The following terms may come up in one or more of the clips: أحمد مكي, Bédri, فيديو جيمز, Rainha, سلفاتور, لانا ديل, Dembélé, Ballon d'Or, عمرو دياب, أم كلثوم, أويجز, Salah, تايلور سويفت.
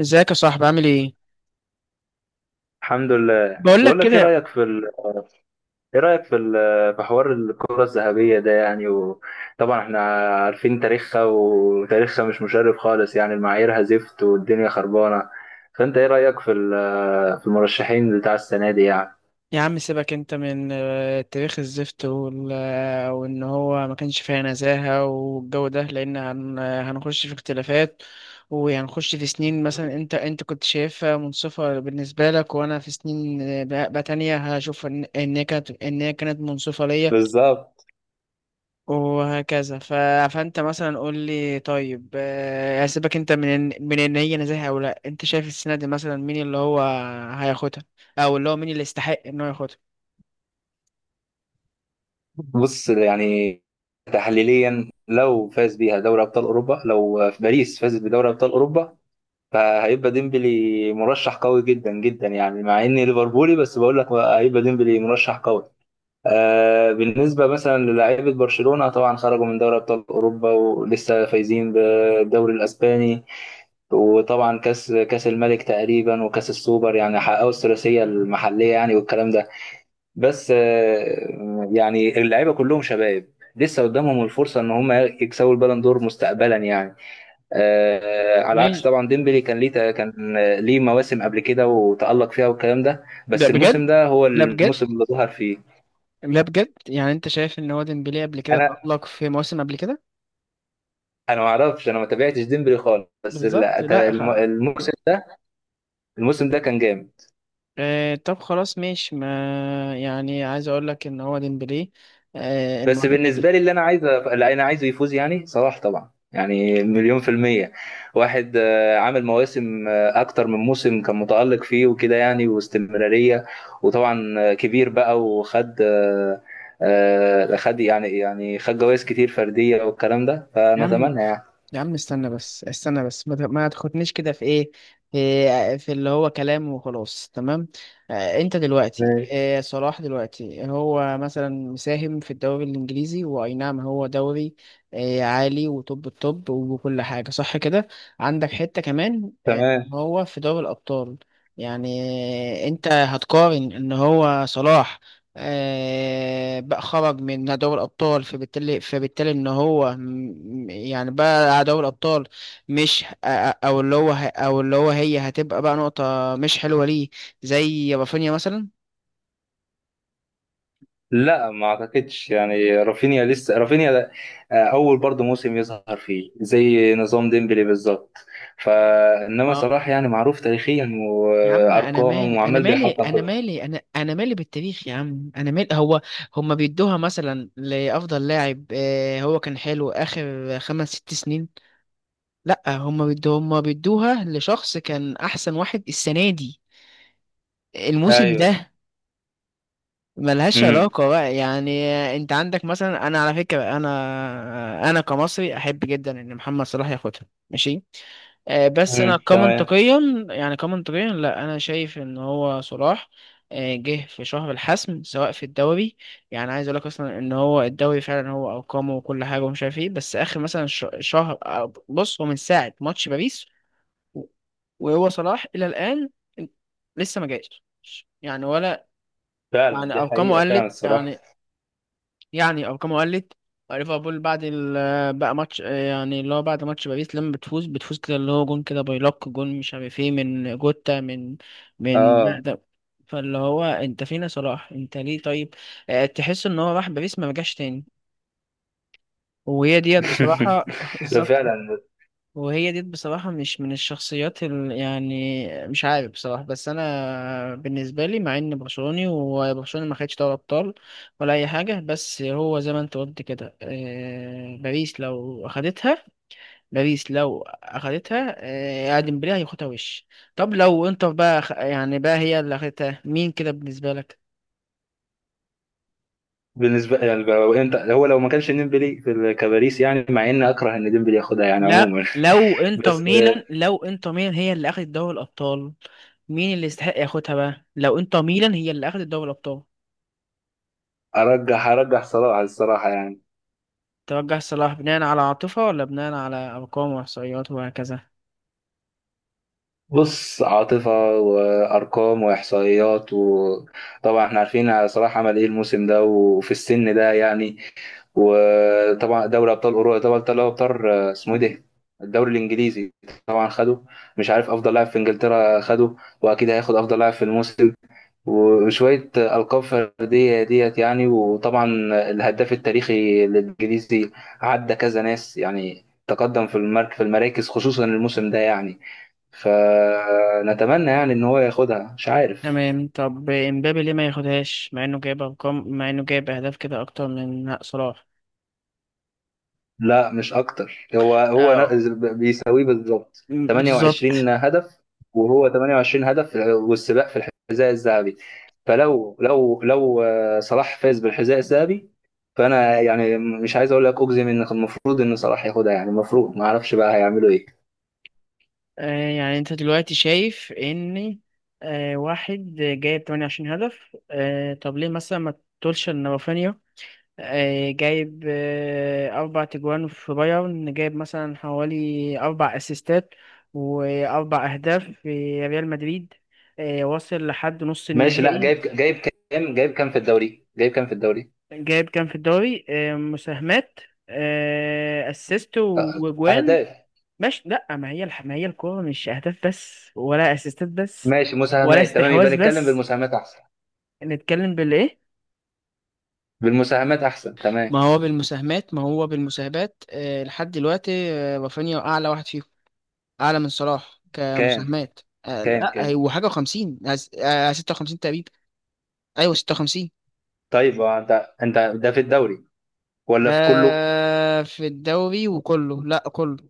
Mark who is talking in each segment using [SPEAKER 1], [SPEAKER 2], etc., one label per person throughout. [SPEAKER 1] ازيك يا صاحبي، عامل ايه؟
[SPEAKER 2] الحمد لله.
[SPEAKER 1] بقول لك
[SPEAKER 2] بقول لك ايه
[SPEAKER 1] كده.
[SPEAKER 2] رايك في ال... ايه رايك في ال... في حوار الكره الذهبيه ده، يعني. وطبعا احنا عارفين تاريخها، وتاريخها مش مشرف خالص يعني. المعاييرها زفت والدنيا خربانه. فانت ايه رايك في المرشحين بتاع السنه دي، يعني؟
[SPEAKER 1] يا عم سيبك انت من تاريخ الزفت وان هو ما كانش فيها نزاهة والجو ده، لان هنخش في اختلافات، وهنخش في سنين. مثلا انت كنت شايفها منصفة بالنسبة لك، وانا في سنين بقى تانية هشوف ان هي كانت منصفة ليا،
[SPEAKER 2] بالظبط.
[SPEAKER 1] وهكذا. فانت مثلا قول لي. طيب هسيبك انت من من ان هي نزاهه او لا، انت شايف السنه دي مثلا مين اللي هو هياخدها؟ او اللي هو مين اللي يستحق ان هو ياخدها؟
[SPEAKER 2] بص، يعني تحليليا لو فاز بيها دوري ابطال اوروبا، لو في باريس فازت بدوري ابطال اوروبا، فهيبقى ديمبلي مرشح قوي جدا جدا، يعني. مع اني ليفربولي بس بقول لك هيبقى ديمبلي مرشح قوي. بالنسبة مثلا للاعيبة برشلونة، طبعا خرجوا من دوري أبطال أوروبا، ولسه فايزين بالدوري الأسباني. وطبعا كأس الملك تقريبا، وكأس السوبر، يعني حققوا الثلاثية المحلية يعني، والكلام ده. بس يعني اللعيبة كلهم شباب، لسه قدامهم الفرصة إن هم يكسبوا البالون دور مستقبلا، يعني. على عكس
[SPEAKER 1] ماشي.
[SPEAKER 2] طبعا، ديمبلي كان ليه كان ليه مواسم قبل كده وتألق فيها، والكلام ده،
[SPEAKER 1] ده
[SPEAKER 2] بس الموسم
[SPEAKER 1] بجد؟
[SPEAKER 2] ده هو
[SPEAKER 1] لا بجد،
[SPEAKER 2] الموسم اللي ظهر فيه.
[SPEAKER 1] لا بجد، يعني انت شايف ان هو ديمبلي قبل كده تألق في مواسم قبل كده؟
[SPEAKER 2] انا ما تابعتش ديمبلي خالص، بس
[SPEAKER 1] بالظبط. لا
[SPEAKER 2] الم- الموسم ده الموسم ده كان جامد.
[SPEAKER 1] آه، طب خلاص ماشي. ما يعني، عايز اقول لك ان هو ديمبلي
[SPEAKER 2] بس
[SPEAKER 1] المفروض.
[SPEAKER 2] بالنسبه لي، اللي انا عايزه يفوز يعني صلاح طبعا، يعني مليون في المية. واحد عامل مواسم أكتر من موسم كان متألق فيه وكده يعني، واستمرارية. وطبعا كبير بقى، وخد آه، آه، خد يعني يعني خد جوائز كتير فردية والكلام ده، فنتمنى يعني.
[SPEAKER 1] يا عم استنى بس، استنى بس، ما تاخدنيش كده في ايه، في اللي هو كلام وخلاص، تمام. انت دلوقتي
[SPEAKER 2] ماشي.
[SPEAKER 1] صلاح دلوقتي هو مثلا مساهم في الدوري الانجليزي، واي نعم هو دوري عالي، وطب الطب وكل حاجه صح كده. عندك حته كمان
[SPEAKER 2] تمام.
[SPEAKER 1] هو في دوري الابطال؟ يعني انت هتقارن ان هو صلاح بقى خرج من دوري الأبطال، فبالتالي إن هو يعني بقى على دوري الأبطال، مش، أو اللي هو أو اللي هو هي هتبقى بقى نقطة مش حلوة ليه؟ زي رافينيا مثلا.
[SPEAKER 2] لا ما اعتقدش، يعني رافينيا لسه، رافينيا ده- آه، اول برضه موسم يظهر فيه زي نظام ديمبلي بالظبط. فانما
[SPEAKER 1] ما
[SPEAKER 2] صلاح يعني معروف تاريخيا
[SPEAKER 1] يا عم، أنا
[SPEAKER 2] وارقام،
[SPEAKER 1] مالي، أنا
[SPEAKER 2] وعمال
[SPEAKER 1] مالي،
[SPEAKER 2] بيحطم
[SPEAKER 1] أنا
[SPEAKER 2] كله.
[SPEAKER 1] مالي، أنا مالي بالتاريخ، يا عم أنا مالي. هو هما بيدوها مثلا لأفضل لاعب هو كان حلو آخر خمس ست سنين؟ لأ، هما بيدوها، هما بيدوها لشخص كان أحسن واحد السنة دي، الموسم
[SPEAKER 2] ايوه.
[SPEAKER 1] ده. ملهاش
[SPEAKER 2] امم.
[SPEAKER 1] علاقة بقى يعني. انت عندك مثلا، انا على فكرة، انا كمصري احب جدا ان محمد صلاح ياخدها. ماشي. بس انا
[SPEAKER 2] امم. تمام.
[SPEAKER 1] كمنطقيا، يعني كمنطقيا، لا، انا شايف ان هو صلاح جه في شهر الحسم، سواء في الدوري. يعني عايز اقول لك، اصلا ان هو الدوري فعلا هو ارقامه وكل حاجة ومش عارف ايه، بس اخر مثلا شهر بص، هو من ساعة ماتش باريس وهو صلاح الى الان لسه ما جاش يعني، ولا
[SPEAKER 2] فعلا،
[SPEAKER 1] يعني
[SPEAKER 2] دي
[SPEAKER 1] ارقامه
[SPEAKER 2] حقيقة فعلا
[SPEAKER 1] قلت،
[SPEAKER 2] الصراحة.
[SPEAKER 1] يعني يعني ارقامه قلت. ليفربول بقى ماتش، يعني اللي هو بعد ماتش باريس، لما بتفوز كده اللي هو جون كده، باي لوك جون مش عارف ايه، من جوتا، من ده
[SPEAKER 2] اه.
[SPEAKER 1] ده. فاللي هو انت فينا صلاح، انت ليه طيب تحس ان هو راح باريس ما رجعش تاني، وهي ديت بصراحة.
[SPEAKER 2] ده
[SPEAKER 1] بالظبط.
[SPEAKER 2] فعلا.
[SPEAKER 1] وهي دي بصراحة مش من الشخصيات يعني مش عارف بصراحة، بس أنا بالنسبة لي، مع إن برشلوني وبرشلونة ما خدش دوري أبطال ولا أي حاجة، بس هو زي ما أنت قلت كده باريس لو أخدتها، ديمبلي هياخدها، وش. طب لو إنتر بقى يعني بقى هي اللي أخدتها مين كده بالنسبة لك؟
[SPEAKER 2] بالنسبة يعني، لو انت هو لو ما كانش ديمبلي في كباريس، يعني مع اني اكره ان ديمبلي ياخدها يعني
[SPEAKER 1] لا
[SPEAKER 2] عموما.
[SPEAKER 1] لو إنتر
[SPEAKER 2] بس
[SPEAKER 1] ميلان، هي اللي أخدت دوري الأبطال. مين اللي يستحق ياخدها بقى؟ لو إنتر ميلان هي اللي أخدت دوري الأبطال.
[SPEAKER 2] ارجح ارجح صلاح الصراحة، يعني.
[SPEAKER 1] توجه صلاح بناء على عاطفة ولا بناء على أرقام وإحصائيات وهكذا؟
[SPEAKER 2] بص، عاطفة وأرقام وإحصائيات. وطبعا احنا عارفين صلاح عمل ايه الموسم ده، وفي السن ده يعني. وطبعا دوري أبطال أوروبا، دوري أبطال أبطال اسمه ايه ده، الدوري الإنجليزي، طبعا خده. مش عارف، أفضل لاعب في إنجلترا خده، وأكيد هياخد أفضل لاعب في الموسم، وشوية ألقاب فردية ديت يعني. وطبعا الهداف التاريخي للإنجليزي، عدى كذا ناس يعني. تقدم في المرك في المراكز خصوصا الموسم ده يعني. فنتمنى يعني ان هو ياخدها، مش عارف.
[SPEAKER 1] تمام. طب إمبابي ليه ما ياخدهاش مع إنه جايب أرقام، مع إنه جايب أهداف كده أكتر من صلاح؟
[SPEAKER 2] لا، مش اكتر. هو هو
[SPEAKER 1] اه.
[SPEAKER 2] ن- بيساويه بالظبط
[SPEAKER 1] بالظبط.
[SPEAKER 2] 28 هدف، وهو 28 هدف والسباق في الحذاء الذهبي. فلو لو لو آه، صلاح فاز بالحذاء الذهبي، فانا يعني مش عايز اقول لك، اجزم ان كان المفروض ان صلاح ياخدها يعني المفروض. ما اعرفش بقى هيعملوا ايه.
[SPEAKER 1] آه، يعني أنت دلوقتي شايف إن واحد جايب 28 هدف، آه طب ليه مثلا ما تقولش إن رافينيا جايب أربع تجوان في بايرن، جايب مثلا حوالي أربع أسيستات وأربع أهداف في ريال مدريد، وصل لحد نص
[SPEAKER 2] ماشي. لا، جايب
[SPEAKER 1] النهائي؟
[SPEAKER 2] جايب كام؟ جايب كام في الدوري؟
[SPEAKER 1] جايب كام في الدوري مساهمات، أسيست وجوان؟
[SPEAKER 2] اهداف.
[SPEAKER 1] مش، لأ، ما هي ما هي الكورة مش أهداف بس ولا أسيستات بس
[SPEAKER 2] ماشي،
[SPEAKER 1] ولا
[SPEAKER 2] مساهمات. تمام، يبقى
[SPEAKER 1] استحواذ
[SPEAKER 2] نتكلم
[SPEAKER 1] بس.
[SPEAKER 2] بالمساهمات احسن.
[SPEAKER 1] نتكلم بالإيه؟
[SPEAKER 2] بالمساهمات احسن، تمام.
[SPEAKER 1] ما هو بالمساهمات، ما هو بالمساهمات لحد دلوقتي رافينيا أعلى واحد فيهم، اعلى من صلاح
[SPEAKER 2] كام
[SPEAKER 1] كمساهمات. لا، لا،
[SPEAKER 2] كام؟
[SPEAKER 1] ايوه، حاجه وخمسين، 56 تقريبا، ايوه 56.
[SPEAKER 2] طيب، هو انت ده في الدوري ولا
[SPEAKER 1] ده
[SPEAKER 2] في كله؟
[SPEAKER 1] في الدوري وكله، لا كله.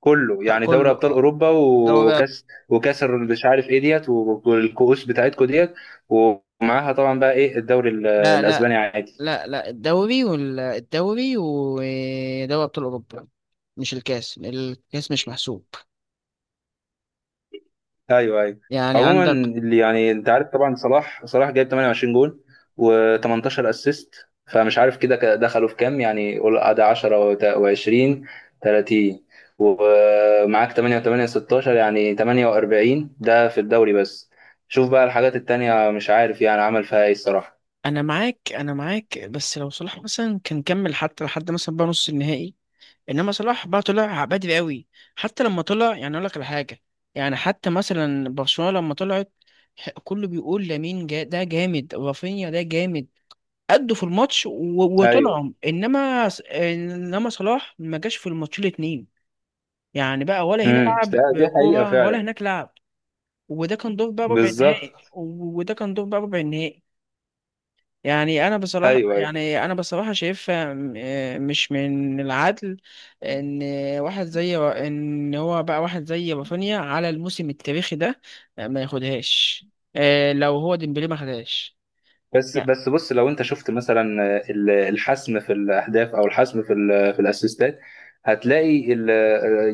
[SPEAKER 2] كله، يعني دوري
[SPEAKER 1] كله
[SPEAKER 2] ابطال اوروبا
[SPEAKER 1] دوري
[SPEAKER 2] وكاس، مش عارف ايه ديت، والكؤوس بتاعتكو ديت. ومعاها طبعا بقى ايه الدوري
[SPEAKER 1] لا
[SPEAKER 2] الاسباني
[SPEAKER 1] لا
[SPEAKER 2] عادي.
[SPEAKER 1] لا لا، الدوري والدوري ودوري ابطال اوروبا، مش الكاس، الكاس مش محسوب،
[SPEAKER 2] ايوه ايوه.
[SPEAKER 1] يعني
[SPEAKER 2] عموما،
[SPEAKER 1] عندك.
[SPEAKER 2] اللي يعني انت عارف طبعا، صلاح صلاح جايب 28 جول و18 اسيست. فمش عارف كده، دخلوا في كام يعني؟ قول ده 10 و20، 30. ومعاك 8 و8، 16، يعني 48 ده في الدوري بس. شوف بقى الحاجات التانية، مش عارف يعني عمل فيها ايه الصراحة.
[SPEAKER 1] انا معاك، انا معاك، بس لو صلاح مثلا كان كمل حتى لحد مثلا بقى نص النهائي. انما صلاح بقى طلع بدري قوي، حتى لما طلع، يعني اقول لك على حاجه، يعني حتى مثلا برشلونه لما طلعت، كله بيقول لامين جا ده جامد، رافينيا ده جامد، أدوا في الماتش
[SPEAKER 2] ايوه.
[SPEAKER 1] وطلعوا، انما انما صلاح ما جاش في الماتشين الاتنين، يعني بقى ولا هنا
[SPEAKER 2] امم.
[SPEAKER 1] لعب
[SPEAKER 2] دي حقيقة
[SPEAKER 1] كوره ولا
[SPEAKER 2] فعلا.
[SPEAKER 1] هناك لعب، وده كان دور بقى ربع
[SPEAKER 2] بالظبط.
[SPEAKER 1] النهائي، وده كان دور بقى ربع النهائي. يعني انا بصراحه،
[SPEAKER 2] ايوه ايوه.
[SPEAKER 1] يعني انا بصراحه شايفها آه، مش من العدل ان واحد زي ان هو بقى، واحد زي رافينيا على الموسم التاريخي ده ما ياخدهاش لو هو ديمبلي ما خدهاش
[SPEAKER 2] بس
[SPEAKER 1] يعني.
[SPEAKER 2] بس بص، لو انت شفت مثلا الحسم في الاهداف، او الحسم في في الاسيستات، هتلاقي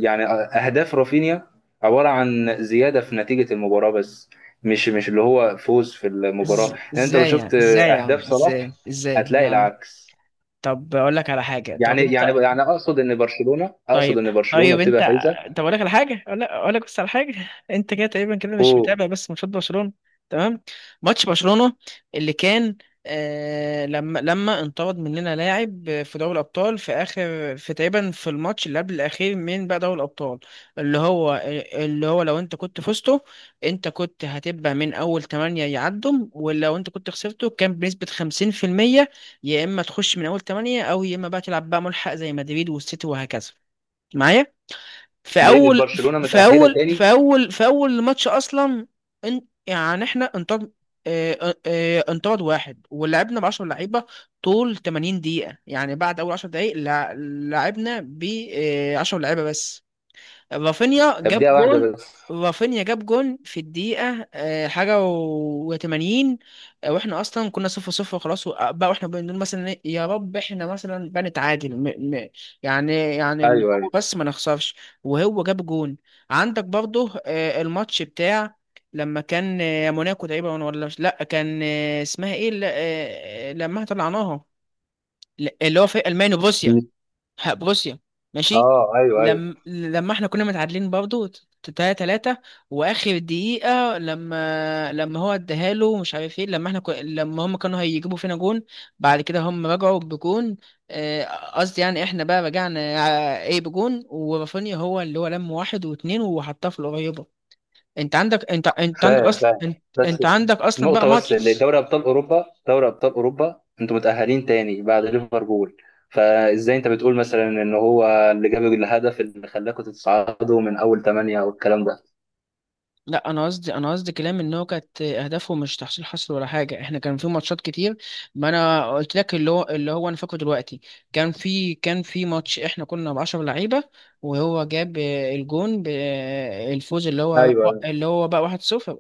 [SPEAKER 2] يعني اهداف رافينيا عباره عن زياده في نتيجه المباراه بس، مش اللي هو فوز في المباراه. يعني انت لو
[SPEAKER 1] ازاي يعني؟
[SPEAKER 2] شفت
[SPEAKER 1] ازاي
[SPEAKER 2] اهداف
[SPEAKER 1] يعني؟
[SPEAKER 2] صلاح،
[SPEAKER 1] ازاي
[SPEAKER 2] هتلاقي
[SPEAKER 1] يعني؟
[SPEAKER 2] العكس
[SPEAKER 1] طب اقول لك على حاجه، طب انت.
[SPEAKER 2] يعني اقصد ان برشلونه،
[SPEAKER 1] طيب، طيب
[SPEAKER 2] بتبقى
[SPEAKER 1] انت.
[SPEAKER 2] فايزه.
[SPEAKER 1] طب اقول لك على حاجه، اقول لك بس على حاجه. انت كده تقريبا كده مش
[SPEAKER 2] اوه.
[SPEAKER 1] متابع بس ماتشات برشلونه. تمام. ماتش برشلونه اللي كان لما انطرد مننا لاعب في دوري الابطال في اخر، في تقريبا في الماتش اللي قبل الاخير من بقى دوري الابطال، اللي هو، لو انت كنت فزته انت كنت هتبقى من اول 8 يعدم، ولو انت كنت خسرته كان بنسبه 50%، يا اما تخش من اول 8، او يا اما بقى تلعب بقى ملحق زي مدريد والسيتي وهكذا، معايا. في
[SPEAKER 2] ليه مش
[SPEAKER 1] اول،
[SPEAKER 2] برشلونه متاهله تاني؟
[SPEAKER 1] في اول ماتش اصلا، ان يعني احنا انطرد، انطرد واحد ولعبنا ب 10 لعيبه، طول 80 دقيقه يعني، بعد اول 10 دقائق لعبنا ب 10 لعيبه بس. رافينيا
[SPEAKER 2] طب
[SPEAKER 1] جاب
[SPEAKER 2] دقيقه واحده
[SPEAKER 1] جون،
[SPEAKER 2] بس.
[SPEAKER 1] في الدقيقة حاجة و80، واحنا اصلا كنا 0-0 خلاص بقى، واحنا بنقول مثلا إيه، يا رب احنا مثلا بنتعادل، م م يعني اللي
[SPEAKER 2] ايوه ايوه.
[SPEAKER 1] هو بس ما نخسرش، وهو جاب جون. عندك برضه الماتش بتاع، لما كان موناكو تقريبا، ولا، مش، لا كان اسمها ايه لما طلعناها اللي هو في المانيا، وبروسيا، بروسيا، ماشي.
[SPEAKER 2] اه، ايوه ايوه.
[SPEAKER 1] لما احنا كنا متعادلين برضه 3-3، واخر دقيقة لما هو اداها له مش عارف ايه، لما احنا لما هم كانوا هيجيبوا فينا جون، بعد كده هم رجعوا بجون آه، قصدي، يعني احنا بقى رجعنا آه، ايه بجون، ورافينيا هو اللي هو لم واحد واتنين وحطها في القريبة. انت عندك، انت عندك
[SPEAKER 2] فاهم
[SPEAKER 1] اصلا،
[SPEAKER 2] فاهم،
[SPEAKER 1] انت،
[SPEAKER 2] بس
[SPEAKER 1] انت عندك اصلا بقى
[SPEAKER 2] نقطة بس
[SPEAKER 1] ماتش.
[SPEAKER 2] لدوري أبطال أوروبا. دوري أبطال أوروبا أنتوا متأهلين تاني بعد ليفربول، فإزاي أنت بتقول مثلا إن هو اللي جاب الهدف اللي خلاكوا تتصعدوا من أول ثمانية والكلام ده؟
[SPEAKER 1] لا انا قصدي، انا قصدي كلام ان هو كانت اهدافه مش تحصيل حصر ولا حاجه، احنا كان في ماتشات كتير. ما انا قلت لك اللي هو، اللي هو انا فاكره دلوقتي، كان في، كان في ماتش احنا كنا ب 10 لعيبه، وهو جاب الجون الفوز، اللي هو
[SPEAKER 2] أيوه
[SPEAKER 1] بقى،
[SPEAKER 2] أيوه
[SPEAKER 1] اللي هو بقى 1-0،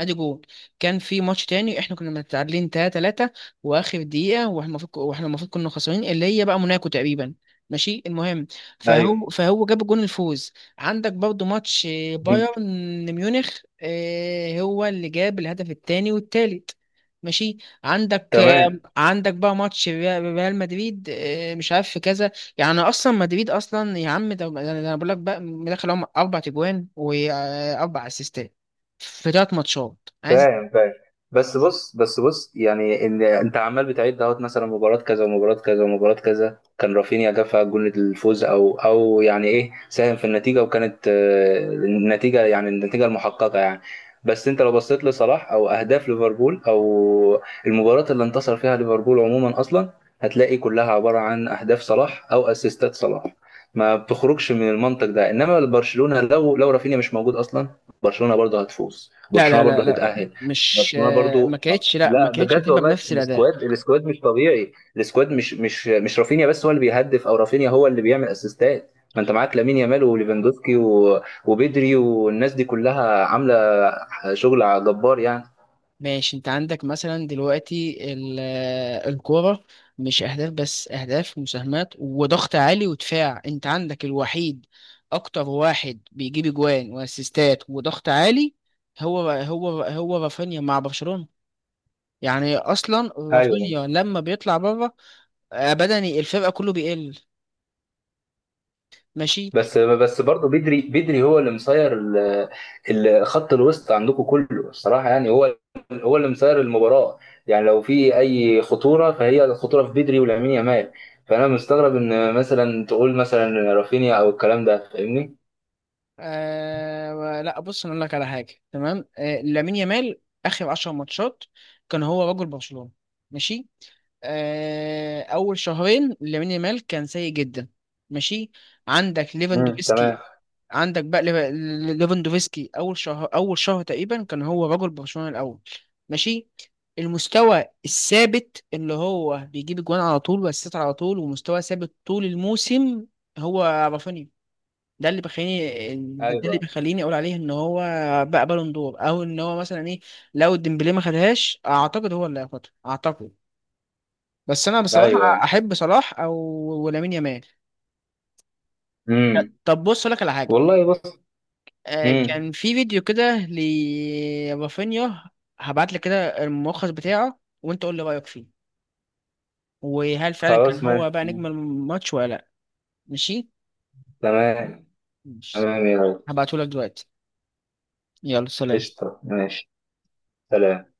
[SPEAKER 1] ادي جول. كان في ماتش تاني احنا كنا متعادلين 3-3، واخر دقيقه، واحنا المفروض، واحنا المفروض كنا خسرانين اللي هي بقى موناكو تقريبا، ماشي المهم،
[SPEAKER 2] أيوه.
[SPEAKER 1] فهو جاب جون الفوز. عندك برضو ماتش
[SPEAKER 2] مم.
[SPEAKER 1] بايرن ميونخ، هو اللي جاب الهدف التاني والتالت، ماشي. عندك،
[SPEAKER 2] تمام.
[SPEAKER 1] عندك بقى ماتش ريال مدريد، مش عارف في كذا. يعني اصلا مدريد اصلا يا عم، ده انا بقول لك بقى مدخل، هم اربع تجوان واربع اسيستات في ثلاث ماتشات، عايز.
[SPEAKER 2] فاهم فاهم. بس بص بس بص، يعني ان انت عمال بتعد اهوت، مثلا مباراه كذا ومباراه كذا ومباراه كذا كان رافينيا جاب فيها جول الفوز، او او يعني ايه ساهم في النتيجه، وكانت النتيجه يعني، النتيجه المحققه يعني. بس انت لو بصيت لصلاح، او اهداف ليفربول، او المباراه اللي انتصر فيها ليفربول عموما اصلا، هتلاقي كلها عباره عن اهداف صلاح او اسيستات صلاح. ما بتخرجش من المنطق ده. انما برشلونه لو لو رافينيا مش موجود اصلا، برشلونه برضه هتفوز،
[SPEAKER 1] لا
[SPEAKER 2] برشلونه
[SPEAKER 1] لا
[SPEAKER 2] برضو
[SPEAKER 1] لا لا لا.
[SPEAKER 2] هتتاهل،
[SPEAKER 1] مش
[SPEAKER 2] برشلونه
[SPEAKER 1] ما
[SPEAKER 2] برضو.
[SPEAKER 1] كانتش، لا، ما
[SPEAKER 2] لا
[SPEAKER 1] كانتش
[SPEAKER 2] بجد
[SPEAKER 1] هتبقى
[SPEAKER 2] والله.
[SPEAKER 1] بنفس الاداء.
[SPEAKER 2] السكواد السكواد مش طبيعي. السكواد مش رافينيا بس هو اللي بيهدف، او رافينيا هو اللي بيعمل اسيستات. ما انت معاك لامين يامال وليفاندوفسكي وبدري، والناس دي كلها عامله شغل جبار يعني.
[SPEAKER 1] ماشي. انت عندك مثلا دلوقتي آه، الكوره مش اهداف بس، اهداف ومساهمات وضغط عالي ودفاع، انت عندك الوحيد، اكتر واحد بيجيب اجوان واسيستات وضغط عالي هو هو رافينيا مع برشلونة. يعني اصلا
[SPEAKER 2] ايوه.
[SPEAKER 1] رافينيا لما بيطلع بره بدني الفرقه كله بيقل، ماشي.
[SPEAKER 2] بس بس برضه بدري بدري هو اللي مصير خط الوسط عندكم كله، الصراحه يعني. هو اللي مصير المباراه. يعني لو في اي خطوره، فهي الخطوره في بدري ولامين يامال. فانا مستغرب ان مثلا تقول مثلا رافينيا او الكلام ده، فاهمني.
[SPEAKER 1] آه لا، بص انا اقول لك على حاجه. تمام. آه لامين يامال اخر 10 ماتشات كان هو رجل برشلونه، ماشي. آه اول شهرين لامين يامال كان سيء جدا، ماشي. عندك
[SPEAKER 2] مم. تمام.
[SPEAKER 1] ليفاندوفسكي، عندك بقى ليفاندوفسكي، اول شهر تقريبا كان هو رجل برشلونه الاول، ماشي. المستوى الثابت اللي هو بيجيب جوان على طول، ويسيطر على طول، ومستوى ثابت طول الموسم، هو رافينيا. ده اللي بيخليني ده
[SPEAKER 2] ايوه
[SPEAKER 1] اللي بيخليني اقول عليه ان هو بقى بالون دور، او ان هو مثلا ايه. لو ديمبلي ما خدهاش، اعتقد هو اللي هياخدها اعتقد. بس انا بصراحه
[SPEAKER 2] ايوه.
[SPEAKER 1] احب صلاح او ولامين يامال.
[SPEAKER 2] امم.
[SPEAKER 1] طب بص لك على حاجه،
[SPEAKER 2] والله بص. امم.
[SPEAKER 1] كان في فيديو كده لرافينيا، هبعت لك كده الملخص بتاعه، وانت قول لي رايك فيه، وهل فعلا كان
[SPEAKER 2] خلاص ماشي.
[SPEAKER 1] هو بقى
[SPEAKER 2] مم.
[SPEAKER 1] نجم الماتش ولا لا؟ ماشي.
[SPEAKER 2] تمام.
[SPEAKER 1] ماشي.
[SPEAKER 2] تمام يا ريس.
[SPEAKER 1] هبعته لك دلوقتي. يلا سلام.
[SPEAKER 2] قشطه، ماشي. سلام.